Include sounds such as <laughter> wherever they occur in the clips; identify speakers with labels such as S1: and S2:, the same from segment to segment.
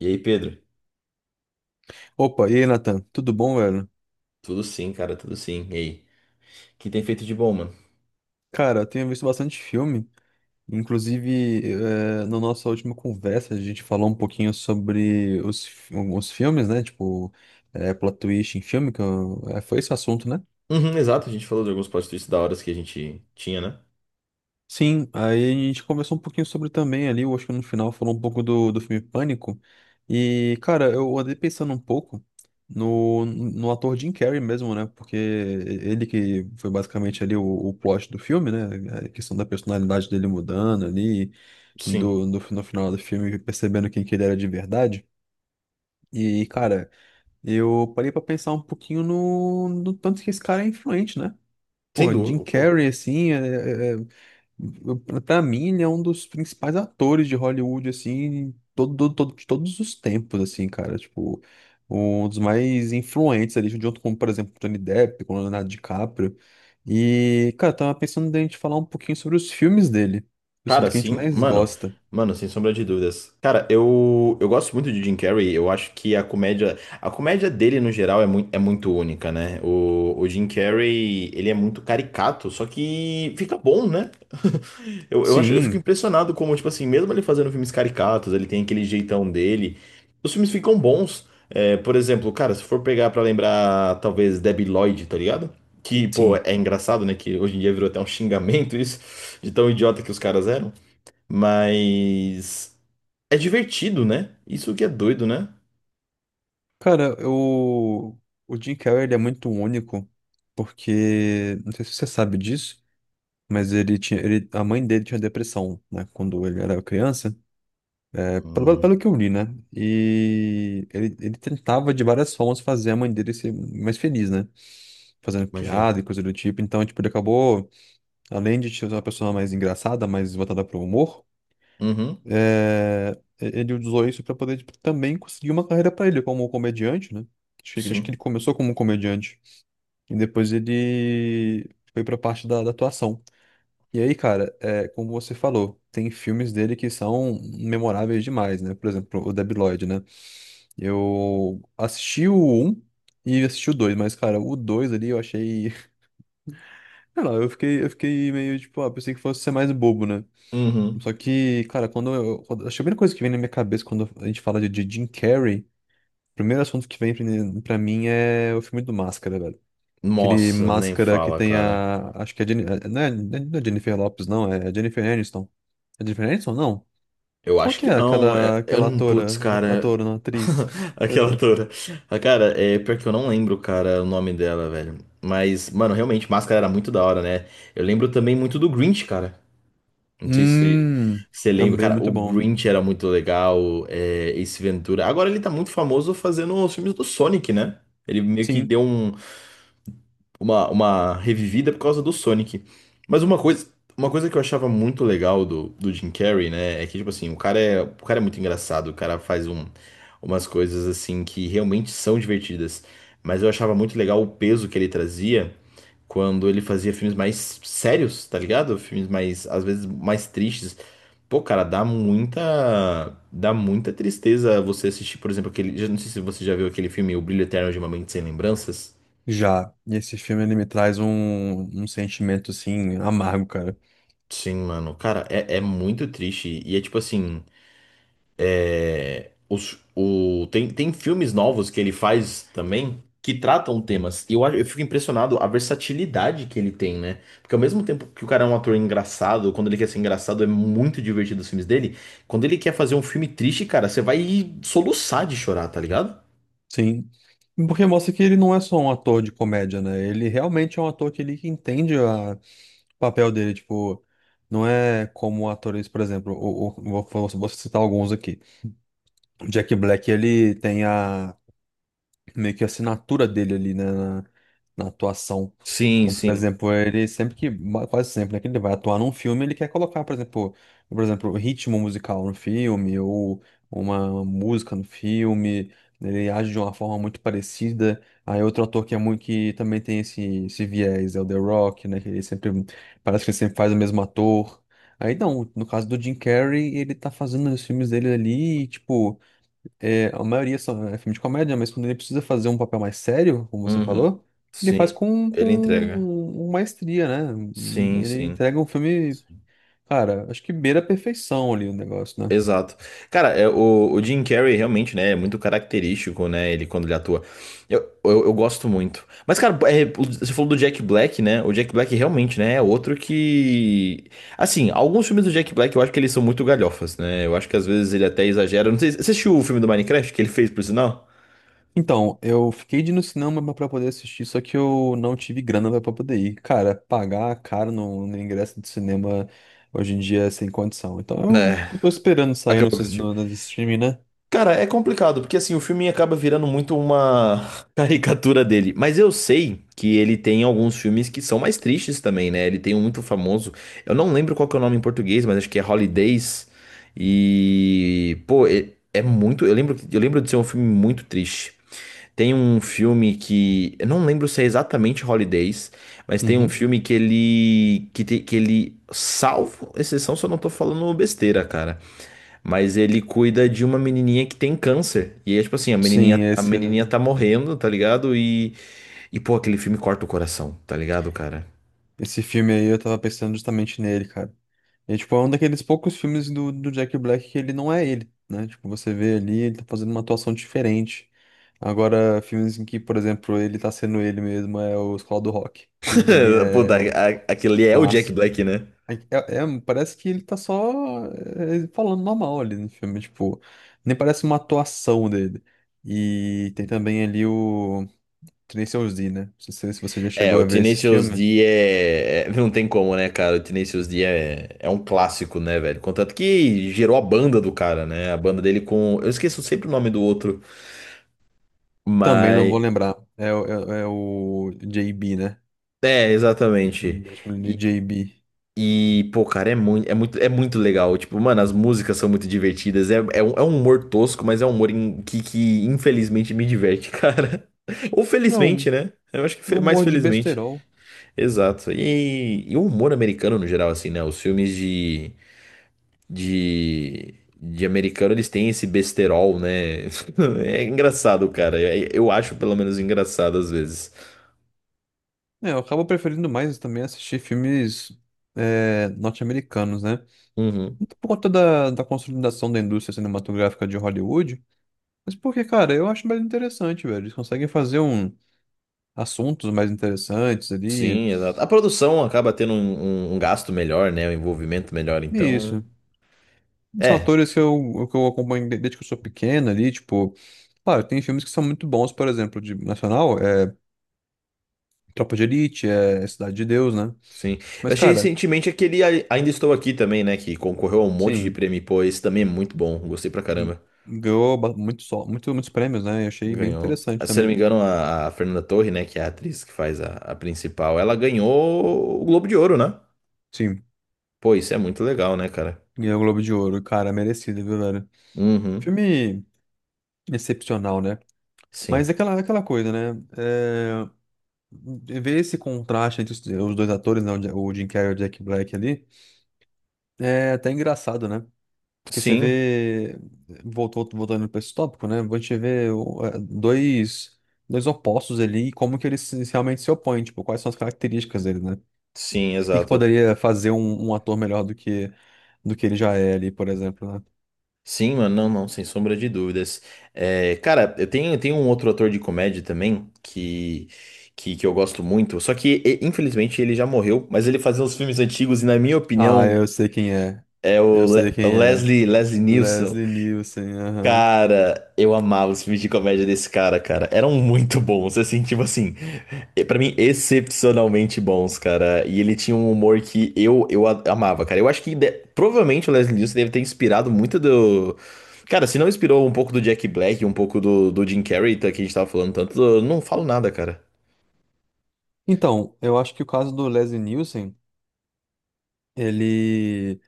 S1: E aí, Pedro?
S2: Opa, e aí, Nathan? Tudo bom, velho?
S1: Tudo sim, cara, tudo sim. E aí? O que tem feito de bom, mano?
S2: Cara, eu tenho visto bastante filme. Inclusive, na nossa última conversa, a gente falou um pouquinho sobre alguns filmes, né? Tipo, plot twist em filme, foi esse assunto, né?
S1: Uhum, exato, a gente falou de alguns plot twists da hora que a gente tinha, né?
S2: Sim, aí a gente conversou um pouquinho sobre também ali, eu acho que no final falou um pouco do filme Pânico. E, cara, eu andei pensando um pouco no ator Jim Carrey mesmo, né? Porque ele que foi basicamente ali o plot do filme, né? A questão da personalidade dele mudando ali,
S1: Sim,
S2: no final do filme, percebendo quem que ele era de verdade. E, cara, eu parei pra pensar um pouquinho no tanto que esse cara é influente, né?
S1: sem
S2: Porra, Jim
S1: dúvida. Pô.
S2: Carrey, assim, pra mim, ele é um dos principais atores de Hollywood, assim, de todos os tempos, assim, cara. Tipo, um dos mais influentes ali, junto com, por exemplo, Tony Depp, com Leonardo DiCaprio. E, cara, eu tava pensando da gente falar um pouquinho sobre os filmes dele, os filmes
S1: Cara,
S2: que a gente
S1: sim,
S2: mais
S1: mano,
S2: gosta.
S1: mano, sem sombra de dúvidas. Cara, eu gosto muito de Jim Carrey. Eu acho que a comédia dele no geral é muito única, né? O Jim Carrey, ele é muito caricato, só que fica bom, né? <laughs> Eu fico
S2: Sim,
S1: impressionado como, tipo assim, mesmo ele fazendo filmes caricatos, ele tem aquele jeitão dele. Os filmes ficam bons. É, por exemplo, cara, se for pegar pra lembrar, talvez Debi Lloyd, tá ligado? Que, pô,
S2: sim.
S1: é engraçado, né? Que hoje em dia virou até um xingamento isso, de tão idiota que os caras eram. Mas é divertido, né? Isso que é doido, né?
S2: Cara, eu... o Jim Carrey, ele é muito único, porque, não sei se você sabe disso, mas a mãe dele tinha depressão, né, quando ele era criança.
S1: Hum,
S2: Pelo que eu li, né? E ele tentava de várias formas fazer a mãe dele ser mais feliz, né? Fazendo
S1: imagina.
S2: piada e coisa do tipo. Então, tipo, ele acabou, além de ser uma pessoa mais engraçada, mais voltada para o humor,
S1: Uhum,
S2: é, ele usou isso para poder tipo, também conseguir uma carreira para ele como comediante, né? Acho que ele
S1: sim.
S2: começou como comediante e depois ele foi para a parte da atuação. E aí, cara, é, como você falou, tem filmes dele que são memoráveis demais, né? Por exemplo, o Debi Lloyd, né? Eu assisti o um e assisti o 2 mas, cara, o 2 ali eu achei. <laughs> Sei lá, eu fiquei meio tipo, ah, pensei que fosse ser mais bobo, né?
S1: Uhum.
S2: Só que, cara, quando eu. Quando, acho que a primeira coisa que vem na minha cabeça quando a gente fala de Jim Carrey, o primeiro assunto que vem pra mim é o filme do Máscara, velho. Aquele
S1: Nossa, nem
S2: Máscara que
S1: fala,
S2: tem
S1: cara.
S2: a. Acho que é. Não é, não é Jennifer Lopes, não, é Jennifer Aniston. É Jennifer Aniston? Não.
S1: Eu
S2: Qual
S1: acho
S2: que
S1: que
S2: é
S1: não. É, é,
S2: aquela
S1: um- putz, cara.
S2: atora, não, atriz?
S1: <laughs> Aquela
S2: <laughs>
S1: atora. Ah, cara, é pior que eu não lembro, cara, o nome dela, velho. Mas, mano, realmente, Máscara era muito da hora, né? Eu lembro também muito do Grinch, cara. Não sei se
S2: Hum,
S1: você lembra,
S2: também é
S1: cara,
S2: muito
S1: o
S2: bom.
S1: Grinch era muito legal, é, Ace Ventura. Agora ele tá muito famoso fazendo os filmes do Sonic, né? Ele meio que
S2: Sim,
S1: deu um, uma revivida por causa do Sonic. Mas uma coisa que eu achava muito legal do Jim Carrey, né, é que, tipo assim, o cara é muito engraçado, o cara faz um, umas coisas, assim, que realmente são divertidas. Mas eu achava muito legal o peso que ele trazia quando ele fazia filmes mais sérios, tá ligado? Filmes mais, às vezes, mais tristes. Pô, cara, dá muita tristeza você assistir, por exemplo, aquele, já não sei se você já viu aquele filme O Brilho Eterno de uma Mente Sem Lembranças.
S2: já. E esse filme ele me traz um sentimento assim amargo, cara.
S1: Sim, mano. Cara, é, é muito triste. E é tipo assim, os, o, tem, tem filmes novos que ele faz também que tratam temas. Eu fico impressionado a versatilidade que ele tem, né? Porque ao mesmo tempo que o cara é um ator engraçado, quando ele quer ser engraçado, é muito divertido os filmes dele. Quando ele quer fazer um filme triste, cara, você vai soluçar de chorar, tá ligado?
S2: Sim. Porque mostra que ele não é só um ator de comédia, né? Ele realmente é um ator que ele que entende o papel dele, tipo, não é como atores, por exemplo, vou citar alguns aqui. O Jack Black, ele tem a meio que a assinatura dele ali, né, na atuação.
S1: Sim,
S2: Então, por
S1: sim.
S2: exemplo, ele sempre que, ma- quase sempre, né, que ele vai atuar num filme, ele quer colocar, por exemplo, ritmo musical no filme, ou uma música no filme, ele age de uma forma muito parecida. Aí outro ator que é muito, que também tem esse viés, é o The Rock, né, que ele sempre, parece que ele sempre faz o mesmo ator. Aí não, no caso do Jim Carrey, ele tá fazendo os filmes dele ali, tipo, é, a maioria são é filme de comédia, mas quando ele precisa fazer um papel mais sério, como você
S1: Uhum.
S2: falou, ele faz
S1: Sim. Ele entrega.
S2: com maestria, né?
S1: Sim,
S2: Ele
S1: sim.
S2: entrega um filme, cara, acho que beira a perfeição ali o negócio, né?
S1: Exato. Cara, é, o Jim Carrey realmente, né, é muito característico, né, ele quando ele atua. Eu gosto muito. Mas, cara, é, o- você falou do Jack Black, né? O Jack Black realmente, né, é outro que... Assim, alguns filmes do Jack Black eu acho que eles são muito galhofas, né? Eu acho que às vezes ele até exagera. Não sei, você assistiu o filme do Minecraft que ele fez, por sinal?
S2: Então, eu fiquei de ir no cinema pra poder assistir, só que eu não tive grana pra poder ir. Cara, pagar caro no ingresso de cinema hoje em dia é sem condição. Então,
S1: Né,
S2: eu tô esperando sair
S1: acabou que assistiu.
S2: no streaming, né?
S1: Cara, é complicado, porque assim, o filme acaba virando muito uma <laughs> caricatura dele. Mas eu sei que ele tem alguns filmes que são mais tristes também, né? Ele tem um muito famoso. Eu não lembro qual que é o nome em português, mas acho que é Holidays. E, pô, é, é muito. Eu lembro de ser um filme muito triste. Tem um filme que. Eu não lembro se é exatamente Holidays, mas tem um
S2: Uhum.
S1: filme que ele. Que, te- que ele. Salvo exceção, se eu não tô falando besteira, cara. Mas ele cuida de uma menininha que tem câncer. E é tipo assim, a menininha,
S2: Sim,
S1: a
S2: esse,
S1: menininha tá morrendo, tá ligado? E pô, aquele filme corta o coração, tá ligado, cara?
S2: esse filme aí eu tava pensando justamente nele, cara. E, tipo, é um daqueles poucos filmes do Jack Black que ele não é ele, né? Tipo, você vê ali, ele tá fazendo uma atuação diferente. Agora, filmes em que, por exemplo, ele tá sendo ele mesmo é o Escola do Rock. Aquele dali
S1: <laughs> Pô,
S2: é
S1: da-
S2: o
S1: a- aquele é o Jack
S2: clássico.
S1: Black, né?
S2: É, parece que ele tá só é, falando normal ali no filme, tipo, nem parece uma atuação dele. E tem também ali o Tracy Z, né? Não sei se você já
S1: É,
S2: chegou
S1: o
S2: a ver esse
S1: Tenacious
S2: filme.
S1: D é... é- Não tem como, né, cara? O Tenacious D é... é um clássico, né, velho? Contanto que gerou a banda do cara, né? A banda dele com... Eu esqueço sempre o nome do outro,
S2: Também não
S1: mas...
S2: vou lembrar. É, é o JB, né?
S1: É,
S2: Deixa
S1: exatamente.
S2: eu de JB.
S1: E, pô, cara, é é muito legal. Tipo, mano, as músicas são muito divertidas. É um humor tosco, mas é um humor em- que infelizmente me diverte, <laughs> cara. Ou
S2: Não,
S1: felizmente, né? Eu acho que fe-
S2: eu
S1: mais
S2: morro de
S1: felizmente.
S2: besterol.
S1: Exato. E o humor americano, no geral, assim, né? Os filmes de, de americano, eles têm esse besterol, né? <laughs> É engraçado, cara. É- Eu acho, pelo menos, engraçado às vezes.
S2: É, eu acabo preferindo mais também assistir filmes é, norte-americanos, né?
S1: Uhum.
S2: Não por conta da consolidação da indústria cinematográfica de Hollywood, mas porque, cara, eu acho mais interessante, velho. Eles conseguem fazer um, assuntos mais interessantes ali.
S1: Sim, exato. A produção acaba tendo um, um- um gasto melhor, né? Um envolvimento melhor,
S2: E
S1: então.
S2: isso. São
S1: É,
S2: atores que que eu acompanho desde que eu sou pequeno ali, tipo. Claro, tem filmes que são muito bons, por exemplo, de nacional, é Tropa de Elite, é Cidade de Deus, né?
S1: sim. Eu
S2: Mas,
S1: achei
S2: cara.
S1: recentemente aquele A- Ainda Estou Aqui também, né? Que concorreu a um monte de
S2: Sim,
S1: prêmio. Pô, esse também é muito bom. Gostei pra caramba.
S2: ganhou ba- muito, só- muito, muitos prêmios, né? E achei bem
S1: Ganhou.
S2: interessante
S1: Ah, se eu não
S2: também.
S1: me engano, a Fernanda Torre, né? Que é a atriz que faz a principal, ela ganhou o Globo de Ouro, né?
S2: Sim,
S1: Pô, isso é muito legal, né, cara?
S2: ganhou o Globo de Ouro, cara, merecido, viu, velho?
S1: Uhum,
S2: Filme excepcional, né?
S1: sim.
S2: Mas é é aquela coisa, né? É, ver esse contraste entre os dois atores, né? O Jim Carrey e o Jack Black ali, é até engraçado, né? Porque você
S1: Sim,
S2: vê, voltando para esse tópico, né? A gente vê é, dois opostos ali e como que eles se- realmente se opõem, tipo, quais são as características deles, né? O
S1: sim,
S2: que que
S1: exato.
S2: poderia fazer um ator melhor do que ele já é ali, por exemplo, né?
S1: Sim, mano, não, não, sem sombra de dúvidas. É, cara, eu tenho um outro ator de comédia também que eu gosto muito, só que e- infelizmente ele já morreu, mas ele fazia uns filmes antigos e, na minha
S2: Ah,
S1: opinião,
S2: eu sei quem é.
S1: é o
S2: Eu sei
S1: Le- o
S2: quem é.
S1: Leslie, Leslie Nielsen.
S2: Leslie Nielsen, aham.
S1: Cara, eu amava os filmes de comédia desse cara, cara. Eram muito bons, assim, tipo assim, pra mim, excepcionalmente bons, cara. E ele tinha um humor que eu a- amava, cara. Eu acho que de- provavelmente o Leslie Nielsen deve ter inspirado muito do. Cara, se não inspirou um pouco do Jack Black, um pouco do Jim Carrey, tá, que a gente tava falando tanto, eu não falo nada, cara.
S2: Então, eu acho que o caso do Leslie Nielsen, ele.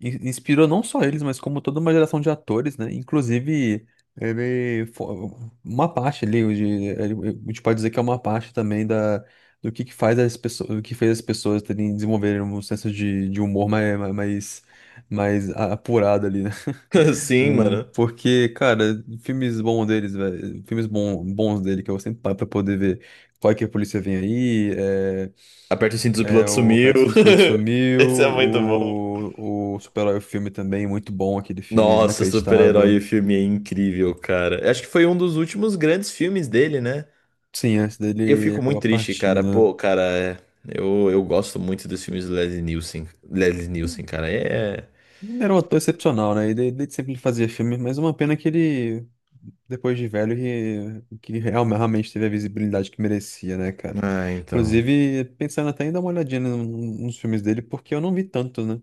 S2: Inspirou não só eles, mas como toda uma geração de atores, né? Inclusive, uma parte ali, a gente pode dizer que é uma parte também da do que faz as pessoas, do que fez as pessoas terem desenvolverem um senso de humor mais apurado ali, né?
S1: <laughs> Sim, mano.
S2: Porque, cara, filmes bons deles, velho. Bons dele que eu sempre paro pra poder ver qual é que a polícia vem aí.
S1: Aperta os cintos, o
S2: É, é
S1: piloto
S2: o
S1: sumiu.
S2: Pattinson Explode
S1: <laughs>
S2: Sumiu,
S1: Esse é muito bom.
S2: o Super-Herói filme também, muito bom aquele filme,
S1: Nossa, super-herói,
S2: inacreditável.
S1: o filme é incrível, cara. Eu acho que foi um dos últimos grandes filmes dele, né?
S2: Sim, antes
S1: E eu
S2: dele
S1: fico muito
S2: acaba
S1: triste, cara.
S2: partindo,
S1: Pô, cara, é- eu gosto muito dos filmes do Leslie Nielsen. Leslie Nielsen, cara, é.
S2: Ele era um ator excepcional, né? Ele sempre fazia filme, mas uma pena que ele, depois de velho, realmente teve a visibilidade que merecia, né, cara?
S1: Ah, então.
S2: Inclusive, pensando até em dar uma olhadinha nos filmes dele, porque eu não vi tantos, né?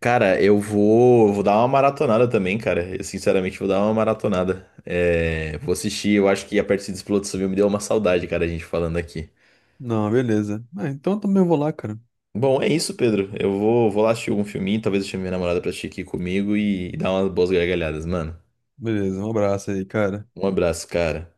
S1: Cara, eu vou dar uma maratonada também, cara. Eu sinceramente vou dar uma maratonada. É, vou assistir, eu acho que a parte de explosão Civil me deu uma saudade, cara, a gente falando aqui.
S2: Não, beleza. Ah, então eu também vou lá, cara.
S1: Bom, é isso, Pedro. Eu vou lá assistir algum filminho, talvez eu chame minha namorada pra assistir aqui comigo e dar umas boas gargalhadas, mano.
S2: Beleza, um abraço aí, cara.
S1: Um abraço, cara.